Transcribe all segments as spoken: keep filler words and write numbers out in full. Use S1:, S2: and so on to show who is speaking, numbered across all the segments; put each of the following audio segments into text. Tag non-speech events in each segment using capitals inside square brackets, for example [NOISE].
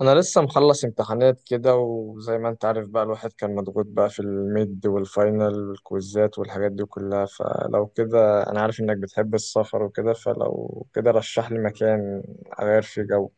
S1: انا لسه مخلص امتحانات كده، وزي ما انت عارف بقى الواحد كان مضغوط بقى في الميد والفاينل والكويزات والحاجات دي كلها. فلو كده انا عارف انك بتحب السفر وكده، فلو كده رشح لي مكان اغير فيه جو.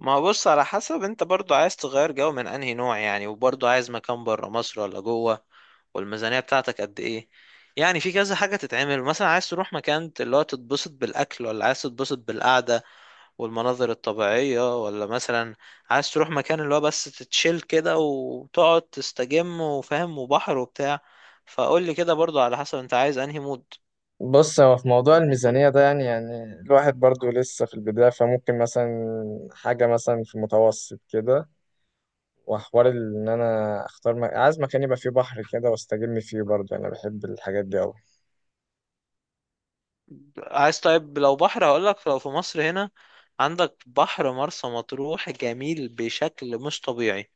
S2: ما هو بص، على حسب انت برضو عايز تغير جو من انهي نوع يعني. وبرضو عايز مكان بره مصر ولا جوه؟ والميزانية بتاعتك قد ايه؟ يعني في كذا حاجة تتعمل، مثلا عايز تروح مكان ت- اللي هو تتبسط بالأكل، ولا عايز تتبسط بالقعدة والمناظر الطبيعية، ولا مثلا عايز تروح مكان اللي هو بس تتشيل كده وتقعد تستجم وفاهم، وبحر وبتاع. فقول لي كده برضو على حسب انت عايز انهي مود.
S1: بص، هو في موضوع الميزانية ده يعني يعني الواحد برضو لسه في البداية، فممكن مثلا حاجة مثلا في متوسط كده. وحوار ان انا اختار م... عايز مكان يبقى فيه بحر كده واستجم فيه، برضو انا بحب الحاجات دي أوي.
S2: عايز طيب، لو بحر هقولك، لو في مصر هنا عندك بحر مرسى مطروح جميل بشكل مش طبيعي.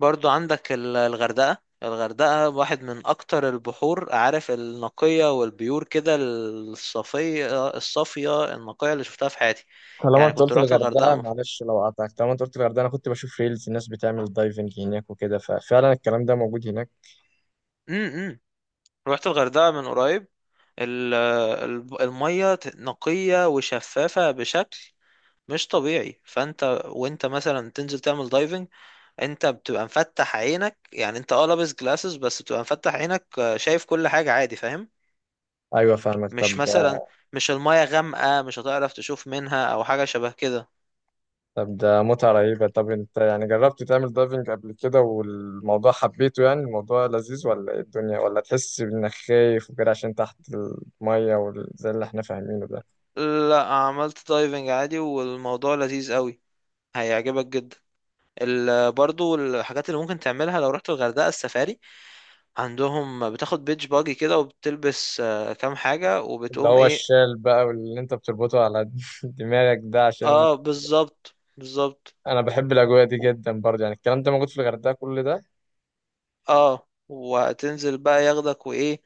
S2: برضو عندك ال- الغردقة. الغردقة واحد من أكتر البحور، عارف، النقية والبيور كده، الصفية الصافية النقية اللي شفتها في حياتي.
S1: طالما
S2: يعني
S1: انت
S2: كنت
S1: قلت
S2: روحت الغردقة
S1: الغردقه،
S2: مف...
S1: معلش لو قطعتك، طالما انت قلت الغردقه انا كنت بشوف ريلز الناس بتعمل دايفنج هناك وكده، ففعلا الكلام ده موجود هناك.
S2: امم روحت الغردقة من قريب. ال- ال- المية ت- نقية وشفافة بشكل مش طبيعي. فانت وانت مثلا تنزل تعمل دايفنج، انت بتبقى مفتح عينك، يعني انت اه لابس جلاسز بس بتبقى مفتح عينك، آه، شايف كل حاجة عادي، فاهم؟
S1: ايوه فاهمك.
S2: مش
S1: طب
S2: مثلا، مش المية غامقة مش هتعرف تشوف منها او حاجة شبه كده.
S1: طب ده متعه رهيبه. طب انت يعني جربت تعمل دايفنج قبل كده والموضوع حبيته؟ يعني الموضوع لذيذ ولا ايه الدنيا، ولا تحس انك خايف وكده عشان تحت الميه وال- زي اللي احنا فاهمينه ده؟
S2: لا، عملت دايفنج عادي والموضوع لذيذ قوي، هيعجبك جدا. ال برضو الحاجات اللي ممكن تعملها لو رحت الغردقة، السفاري عندهم، بتاخد بيتش باجي كده وبتلبس آه، كام حاجة،
S1: اللي
S2: وبتقوم
S1: هو
S2: ايه.
S1: الشال بقى واللي انت بتربطه على [LAUGHS] دماغك ده، عشان
S2: اه بالظبط بالظبط.
S1: انا بحب الاجواء دي جدا برضه. يعني الكلام ده موجود في الغردقه كل ده؟
S2: اه وتنزل بقى ياخدك وايه،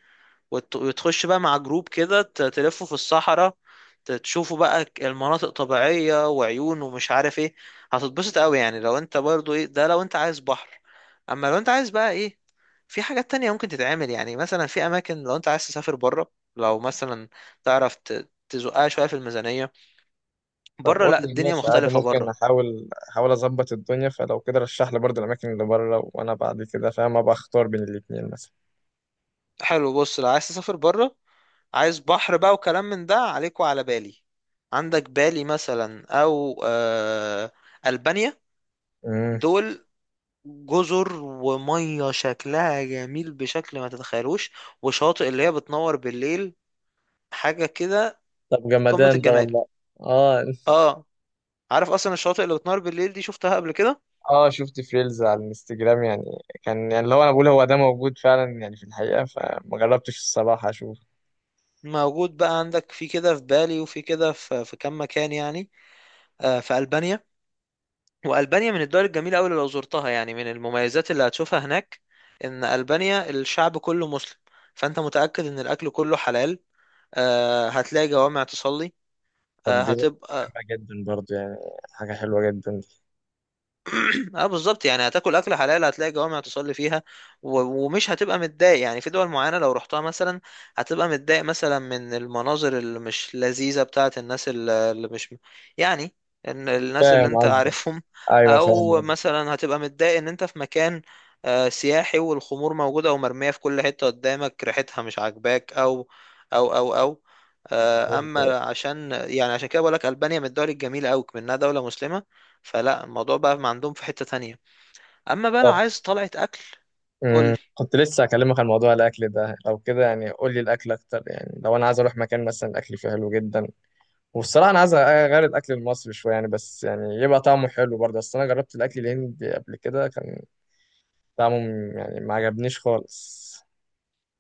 S2: وت- وتخش بقى مع جروب كده، ت- تلفوا في الصحراء، ت- تشوفوا بقى ك- المناطق طبيعية وعيون ومش عارف ايه. هتتبسط قوي يعني، لو انت برضو ايه ده، لو انت عايز بحر. اما لو انت عايز بقى ايه، في حاجات تانية ممكن تتعمل، يعني مثلا في اماكن لو انت عايز تسافر بره، لو مثلا تعرف ت- تزقها شوية في الميزانية
S1: طب
S2: بره،
S1: قول
S2: لا
S1: لي.
S2: الدنيا
S1: ماشي عادي،
S2: مختلفة
S1: ممكن
S2: بره.
S1: احاول احاول اظبط الدنيا، فلو كده رشح لي برضه الاماكن اللي بره، وانا بعد كده فاهم ابقى اختار بين الاتنين مثلا.
S2: حلو، بص لو عايز تسافر بره، عايز بحر بقى وكلام من ده، عليك وعلى بالي عندك بالي مثلا، او آه البانيا.
S1: امم.
S2: دول جزر وميه شكلها جميل بشكل ما تتخيلوش، وشاطئ اللي هي بتنور بالليل، حاجه كده.
S1: طب
S2: قمه
S1: جمدان ده
S2: الجمال.
S1: والله. اه.
S2: اه. عارف اصلا الشاطئ اللي بتنور بالليل دي شفتها قبل كده.
S1: اه، شفت في ريلز على الانستجرام يعني. كان يعني اللي هو انا بقول هو ده موجود فعلا يعني في الحقيقة، فما جربتش الصراحة اشوف.
S2: موجود بقى عندك في كده، في بالي، وفي كده في في كام مكان يعني. آه، في البانيا. والبانيا من الدول الجميله قوي اللي لو زرتها، يعني من المميزات اللي هتشوفها هناك ان البانيا الشعب كله مسلم. فانت متاكد ان الاكل كله حلال، آه، هتلاقي جوامع تصلي. آه،
S1: طب دي نقطة
S2: هتبقى
S1: مهمة جدا برضه، يعني حاجة حلوة جدا.
S2: [CLEARS THROAT] اه بالظبط، يعني هتاكل اكل حلال، هتلاقي جوامع تصلي فيها، و- ومش هتبقى متضايق. يعني في دول معينه لو رحتها مثلا هتبقى متضايق مثلا من المناظر اللي مش لذيذه بتاعه الناس ال- اللي مش يعني، ان الناس اللي
S1: فاهم
S2: انت
S1: قصدك.
S2: عارفهم [LAUGHS]
S1: ايوه فاهم
S2: او
S1: قصدك.
S2: مثلا هتبقى متضايق ان انت في مكان آه، سياحي، والخمور موجوده ومرميه في كل حته قدامك ريحتها مش عاجباك، او او او او. آه، اما
S1: ممتاز.
S2: عشان يعني عشان كده بقول لك البانيا من الدول الجميله قوي، منها دوله مسلمه، فلا الموضوع بقى ما عندهم في حتة تانية. اما بقى لو
S1: طب،
S2: عايز طلعة اكل قول لي،
S1: امم، كنت لسه هكلمك عن موضوع الاكل ده. لو كده يعني قول لي الاكل اكتر، يعني لو انا عايز اروح مكان مثلا الاكل فيه حلو جدا. والصراحه انا عايز اغير الاكل المصري شويه، يعني بس يعني يبقى طعمه حلو برضه، اصل انا جربت الاكل الهندي قبل كده كان طعمه م- يعني ما عجبنيش خالص.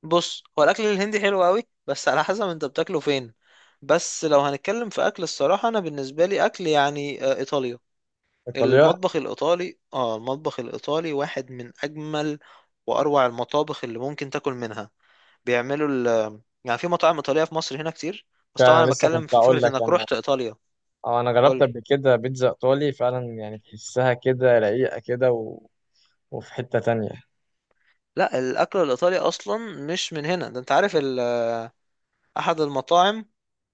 S2: بص هو الاكل الهندي حلو قوي بس على حسب انت بتاكله فين. بس لو هنتكلم في اكل، الصراحة انا بالنسبة لي اكل يعني آه، ايطاليا.
S1: ايطاليا.
S2: المطبخ الايطالي، اه المطبخ الايطالي واحد من اجمل واروع المطابخ اللي ممكن تاكل منها. بيعملوا ال يعني، في مطاعم ايطالية في مصر هنا كتير، بس طبعا
S1: فعلا
S2: انا
S1: لسه
S2: بتكلم
S1: كنت
S2: في
S1: هقول
S2: فكرة
S1: لك
S2: انك
S1: انا.
S2: رحت ايطاليا.
S1: اه، انا
S2: قول
S1: جربت
S2: لي.
S1: قبل كده بيتزا ايطالي فعلا، يعني تحسها كده رقيقه كده و... وفي حته تانية.
S2: لا الاكل الايطالي اصلا مش من هنا. ده انت عارف ال- احد المطاعم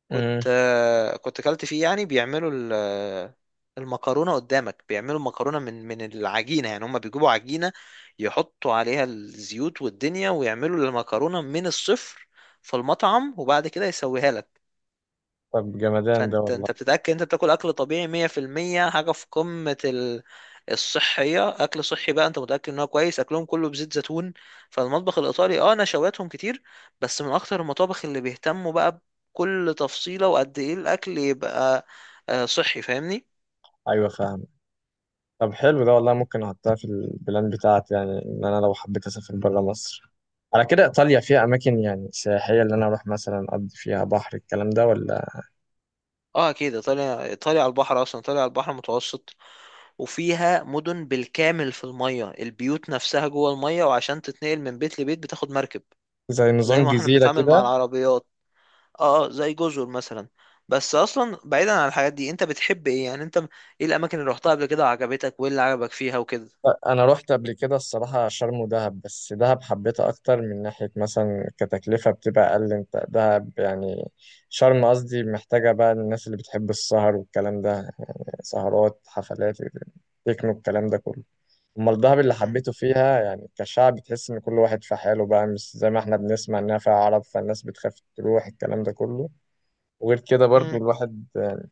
S2: كنت
S1: امم.
S2: آه، كنت اكلت فيه، يعني بيعملوا ال- آه، المكرونه قدامك، بيعملوا المكرونه من من العجينه. يعني هم بيجيبوا عجينه، يحطوا عليها الزيوت والدنيا، ويعملوا المكرونه من الصفر في المطعم، وبعد كده يسويها لك.
S1: طب جمدان ده
S2: فانت، انت
S1: والله.
S2: بتتاكد انت بتاكل اكل طبيعي مية في المية، حاجه في قمه ال... الصحيه. اكل صحي بقى، انت متاكد ان هو كويس، اكلهم كله بزيت زيتون. فالمطبخ الايطالي اه نشواتهم كتير، بس من اكتر المطابخ اللي بيهتموا بقى بكل تفصيله، وقد ايه الاكل يبقى آه، صحي، فاهمني.
S1: ايوه فاهم. طب حلو ده والله، ممكن احطها في البلان بتاعتي، يعني ان انا لو حبيت اسافر بره مصر. على كده ايطاليا فيها اماكن يعني سياحيه اللي انا اروح مثلا اقضي فيها بحر الكلام ده ولا؟
S2: اه اكيد، ايطاليا، ايطاليا على البحر اصلا، ايطاليا على البحر المتوسط. وفيها مدن بالكامل في الميه، البيوت نفسها جوه الميه، وعشان تتنقل من بيت لبيت بتاخد مركب،
S1: زي
S2: زي
S1: نظام
S2: ما احنا
S1: جزيره
S2: بنتعامل مع
S1: كده؟
S2: العربيات. اه آه، زي جزر مثلا. بس اصلا بعيدا عن الحاجات دي، انت بتحب ايه يعني؟ انت م- ايه الاماكن اللي رحتها قبل كده وعجبتك، وايه اللي عجبك فيها وكده؟
S1: انا رحت قبل كده الصراحه شرم ودهب، بس دهب حبيتها اكتر من ناحيه مثلا كتكلفه بتبقى اقل. انت دهب يعني، شرم قصدي، محتاجه بقى الناس اللي بتحب السهر والكلام ده، سهرات، حفلات، تكنو، الكلام ده كله. امال دهب اللي
S2: مم.
S1: حبيته فيها يعني كشعب، تحس ان كل واحد في حاله بقى، مش زي ما احنا بنسمع انها فيها عرب، فالناس بتخاف تروح الكلام ده كله. وغير كده برضو
S2: مم.
S1: الواحد يعني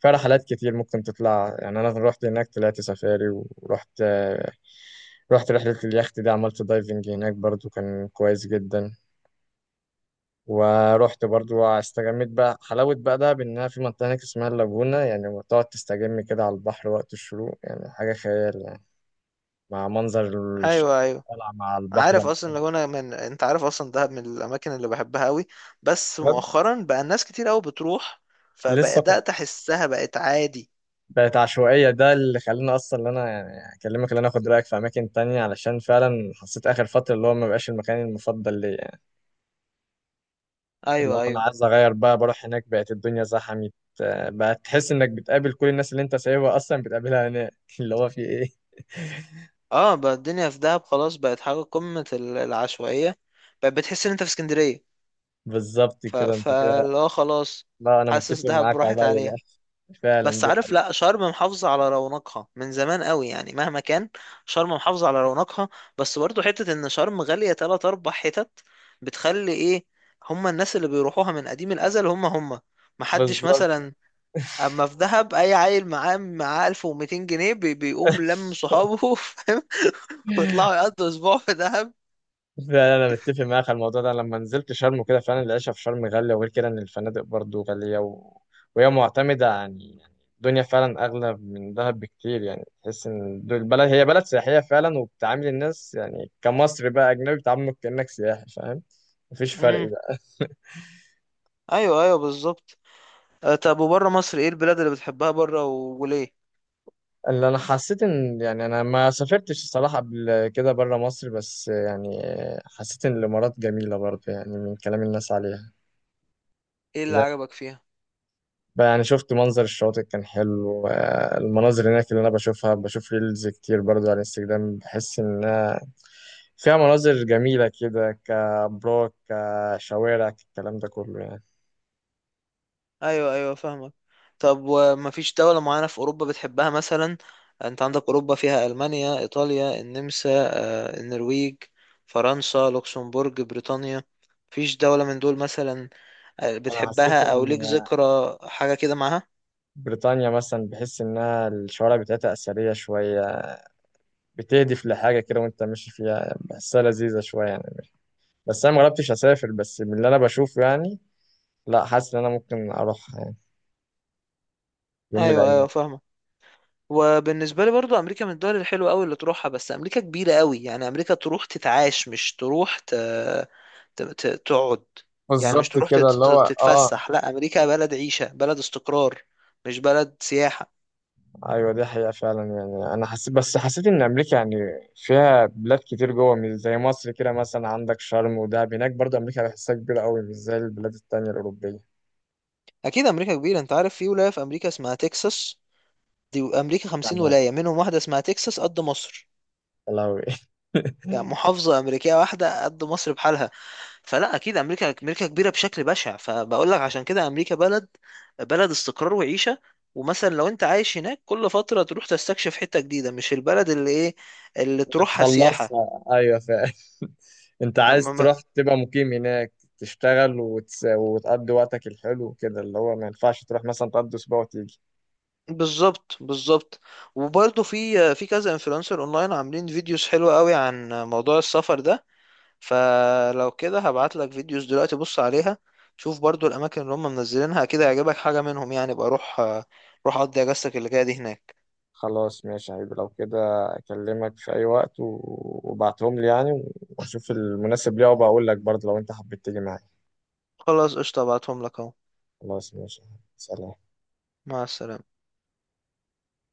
S1: فيها رحلات كتير ممكن تطلع. يعني انا رحت هناك، طلعت سفاري، ورحت رحت رحلة اليخت دي، عملت دايفنج هناك برضو، كان كويس جدا. ورحت برضو استجميت بقى، حلاوة بقى ده بانها في منطقة هناك اسمها اللاجونة، يعني تقعد تستجم كده على البحر وقت الشروق، يعني حاجة خيال يعني، مع منظر الشمس
S2: ايوه ايوه.
S1: طالعة مع البحر.
S2: عارف اصلا لاجونا، من، انت عارف اصلا دهب من الاماكن اللي بحبها قوي، بس
S1: لما
S2: مؤخرا بقى الناس كتير قوي بتروح،
S1: لسه كنت
S2: فبدات احسها بقت عادي.
S1: بقت عشوائية، ده اللي خلاني أصلا إن أنا يعني أكلمك إن أنا آخد رأيك في أماكن تانية، علشان فعلا حسيت آخر فترة اللي هو ما بقاش المكان المفضل ليا يعني. اللي
S2: ايوه
S1: هو أنا
S2: ايوه.
S1: عايز أغير بقى، بروح هناك بقت الدنيا زحمت. آه، بقت تحس إنك بتقابل كل الناس اللي أنت سايبها أصلا بتقابلها هناك [LAUGHS] اللي هو في إيه [LAUGHS]
S2: اه بقى الدنيا في دهب خلاص، بقت حاجه قمه ال- العشوائيه. بقت بتحس ان انت في اسكندريه.
S1: بالظبط
S2: ف...
S1: كده أنت كده.
S2: فاللي هو خلاص،
S1: لا أنا
S2: حاسس
S1: متفق معاك
S2: دهب
S1: على
S2: راحت
S1: الرأي ده.
S2: عليها.
S1: فعلا
S2: بس
S1: دي
S2: عارف،
S1: حاجة.
S2: لا شرم محافظة على رونقها من زمان قوي، يعني مهما كان شرم محافظة على رونقها. بس برضو حتة ان شرم غالية تلات اربع حتت، بتخلي ايه، هما الناس اللي بيروحوها من قديم الازل هما هما، محدش
S1: بالظبط.
S2: مثلا. اما في دهب اي عيل معاه معاه ألف ومتين جنيه بي بيقوم لم
S1: [LAUGHS]
S2: صحابه [LAUGHS] فاهم، ويطلعوا يقضوا اسبوع في دهب.
S1: فعلا انا متفق معاك على الموضوع ده. لما نزلت شرم وكده فعلا العيشه في شرم غاليه، وغير كده ان الفنادق برضو غاليه و... وهي معتمده يعني. يعني الدنيا فعلا اغلى من دهب بكتير، يعني تحس ان دول- البلد هي بلد سياحيه فعلا، وبتعامل الناس يعني كمصري بقى اجنبي بتعاملك كانك سياحي، فاهم؟ مفيش فرق
S2: امم.
S1: بقى.
S2: ايوه ايوه بالظبط. آه، طب وبره مصر، ايه البلاد اللي بتحبها بره و- وليه؟
S1: اللي انا حسيت ان يعني انا ما سافرتش الصراحه قبل كده بره مصر، بس يعني حسيت ان الامارات جميله برضه، يعني من كلام الناس عليها.
S2: ايه اللي عجبك فيها؟
S1: بقى يعني شفت منظر الشواطئ كان حلو، آه، المناظر هناك اللي انا بشوفها، بشوف ريلز كتير برضو على انستجرام، بحس انها فيها مناظر جميلة كده كبراك كشوارع الكلام ده كله يعني.
S2: ايوه ايوه فاهمك. طب ومفيش دولة معينة في اوروبا بتحبها مثلا؟ انت عندك اوروبا فيها المانيا، ايطاليا، النمسا، آه، النرويج، فرنسا، لوكسمبورج، بريطانيا. مفيش دولة من دول مثلا آه،
S1: انا حسيت
S2: بتحبها، او
S1: ان
S2: ليك ذكرى حاجة كده معاها؟
S1: بريطانيا مثلا بحس انها الشوارع بتاعتها اثرية شوية، بتهدف لحاجة كده وانت ماشي فيها، بحسها لذيذة شوية يعني. بس انا مجربتش اسافر، بس من اللي انا بشوفه يعني، لا حاسس ان انا ممكن اروح يعني يوم من
S2: ايوه
S1: الايام.
S2: ايوه فاهمك. وبالنسبة لي برضو أمريكا من الدول الحلوة أوي اللي تروحها، بس أمريكا كبيرة أوي. يعني أمريكا تروح تتعاش، مش تروح ت... ت... ت... تقعد. يعني مش
S1: بالظبط
S2: تروح
S1: كده
S2: تت...
S1: اللي هو
S2: تت-
S1: اه.
S2: تتفسح. لا أمريكا بلد عيشة، بلد استقرار، مش بلد سياحة.
S1: ايوه دي حقيقة فعلا. يعني انا حسيت، بس حسيت ان امريكا يعني فيها بلاد كتير جوه، مش زي مصر كده مثلا عندك شرم ودهب، هناك برضه امريكا بحسها كبيرة قوي، مش زي البلاد التانية الاوروبية
S2: أكيد أمريكا كبيرة. أنت عارف في ولاية في أمريكا اسمها تكساس، دي أمريكا خمسين
S1: يعني.
S2: ولاية منهم واحدة اسمها تكساس قد مصر.
S1: يا لهوي.
S2: يعني محافظة أمريكية واحدة قد مصر بحالها. فلا أكيد أمريكا، أمريكا كبيرة بشكل بشع، فبقول لك عشان كده أمريكا بلد، بلد استقرار وعيشة. ومثلا لو أنت عايش هناك كل فترة تروح تستكشف حتة جديدة، مش البلد اللي إيه، اللي تروحها سياحة.
S1: بتخلصها [LAUGHS] ايوه فعلا [LAUGHS] انت عايز
S2: أما ما،
S1: تروح تبقى مقيم هناك، تشتغل وتس... وتقضي وقتك الحلو كده، اللي هو ما ينفعش تروح مثلا تقضي اسبوع وتيجي.
S2: بالظبط بالظبط. وبرضه في في كذا انفلونسر اونلاين عاملين فيديوز حلوة قوي عن موضوع السفر ده. فلو كده هبعت لك فيديوز دلوقتي، بص عليها، شوف برضو الاماكن اللي هم منزلينها كده، يعجبك حاجه منهم، يعني بقى روح، روح اقضي اجازتك اللي جايه دي هناك.
S1: خلاص ماشي يا حبيبي. لو كده اكلمك في اي وقت و- وابعتهم لي يعني، واشوف المناسب ليا، وبقول لك برضه لو انت حبيت تيجي معايا.
S2: خلاص قشطه، هبعتهم لك اهو.
S1: خلاص ماشي يا حبيبي. سلام.
S2: مع السلامه.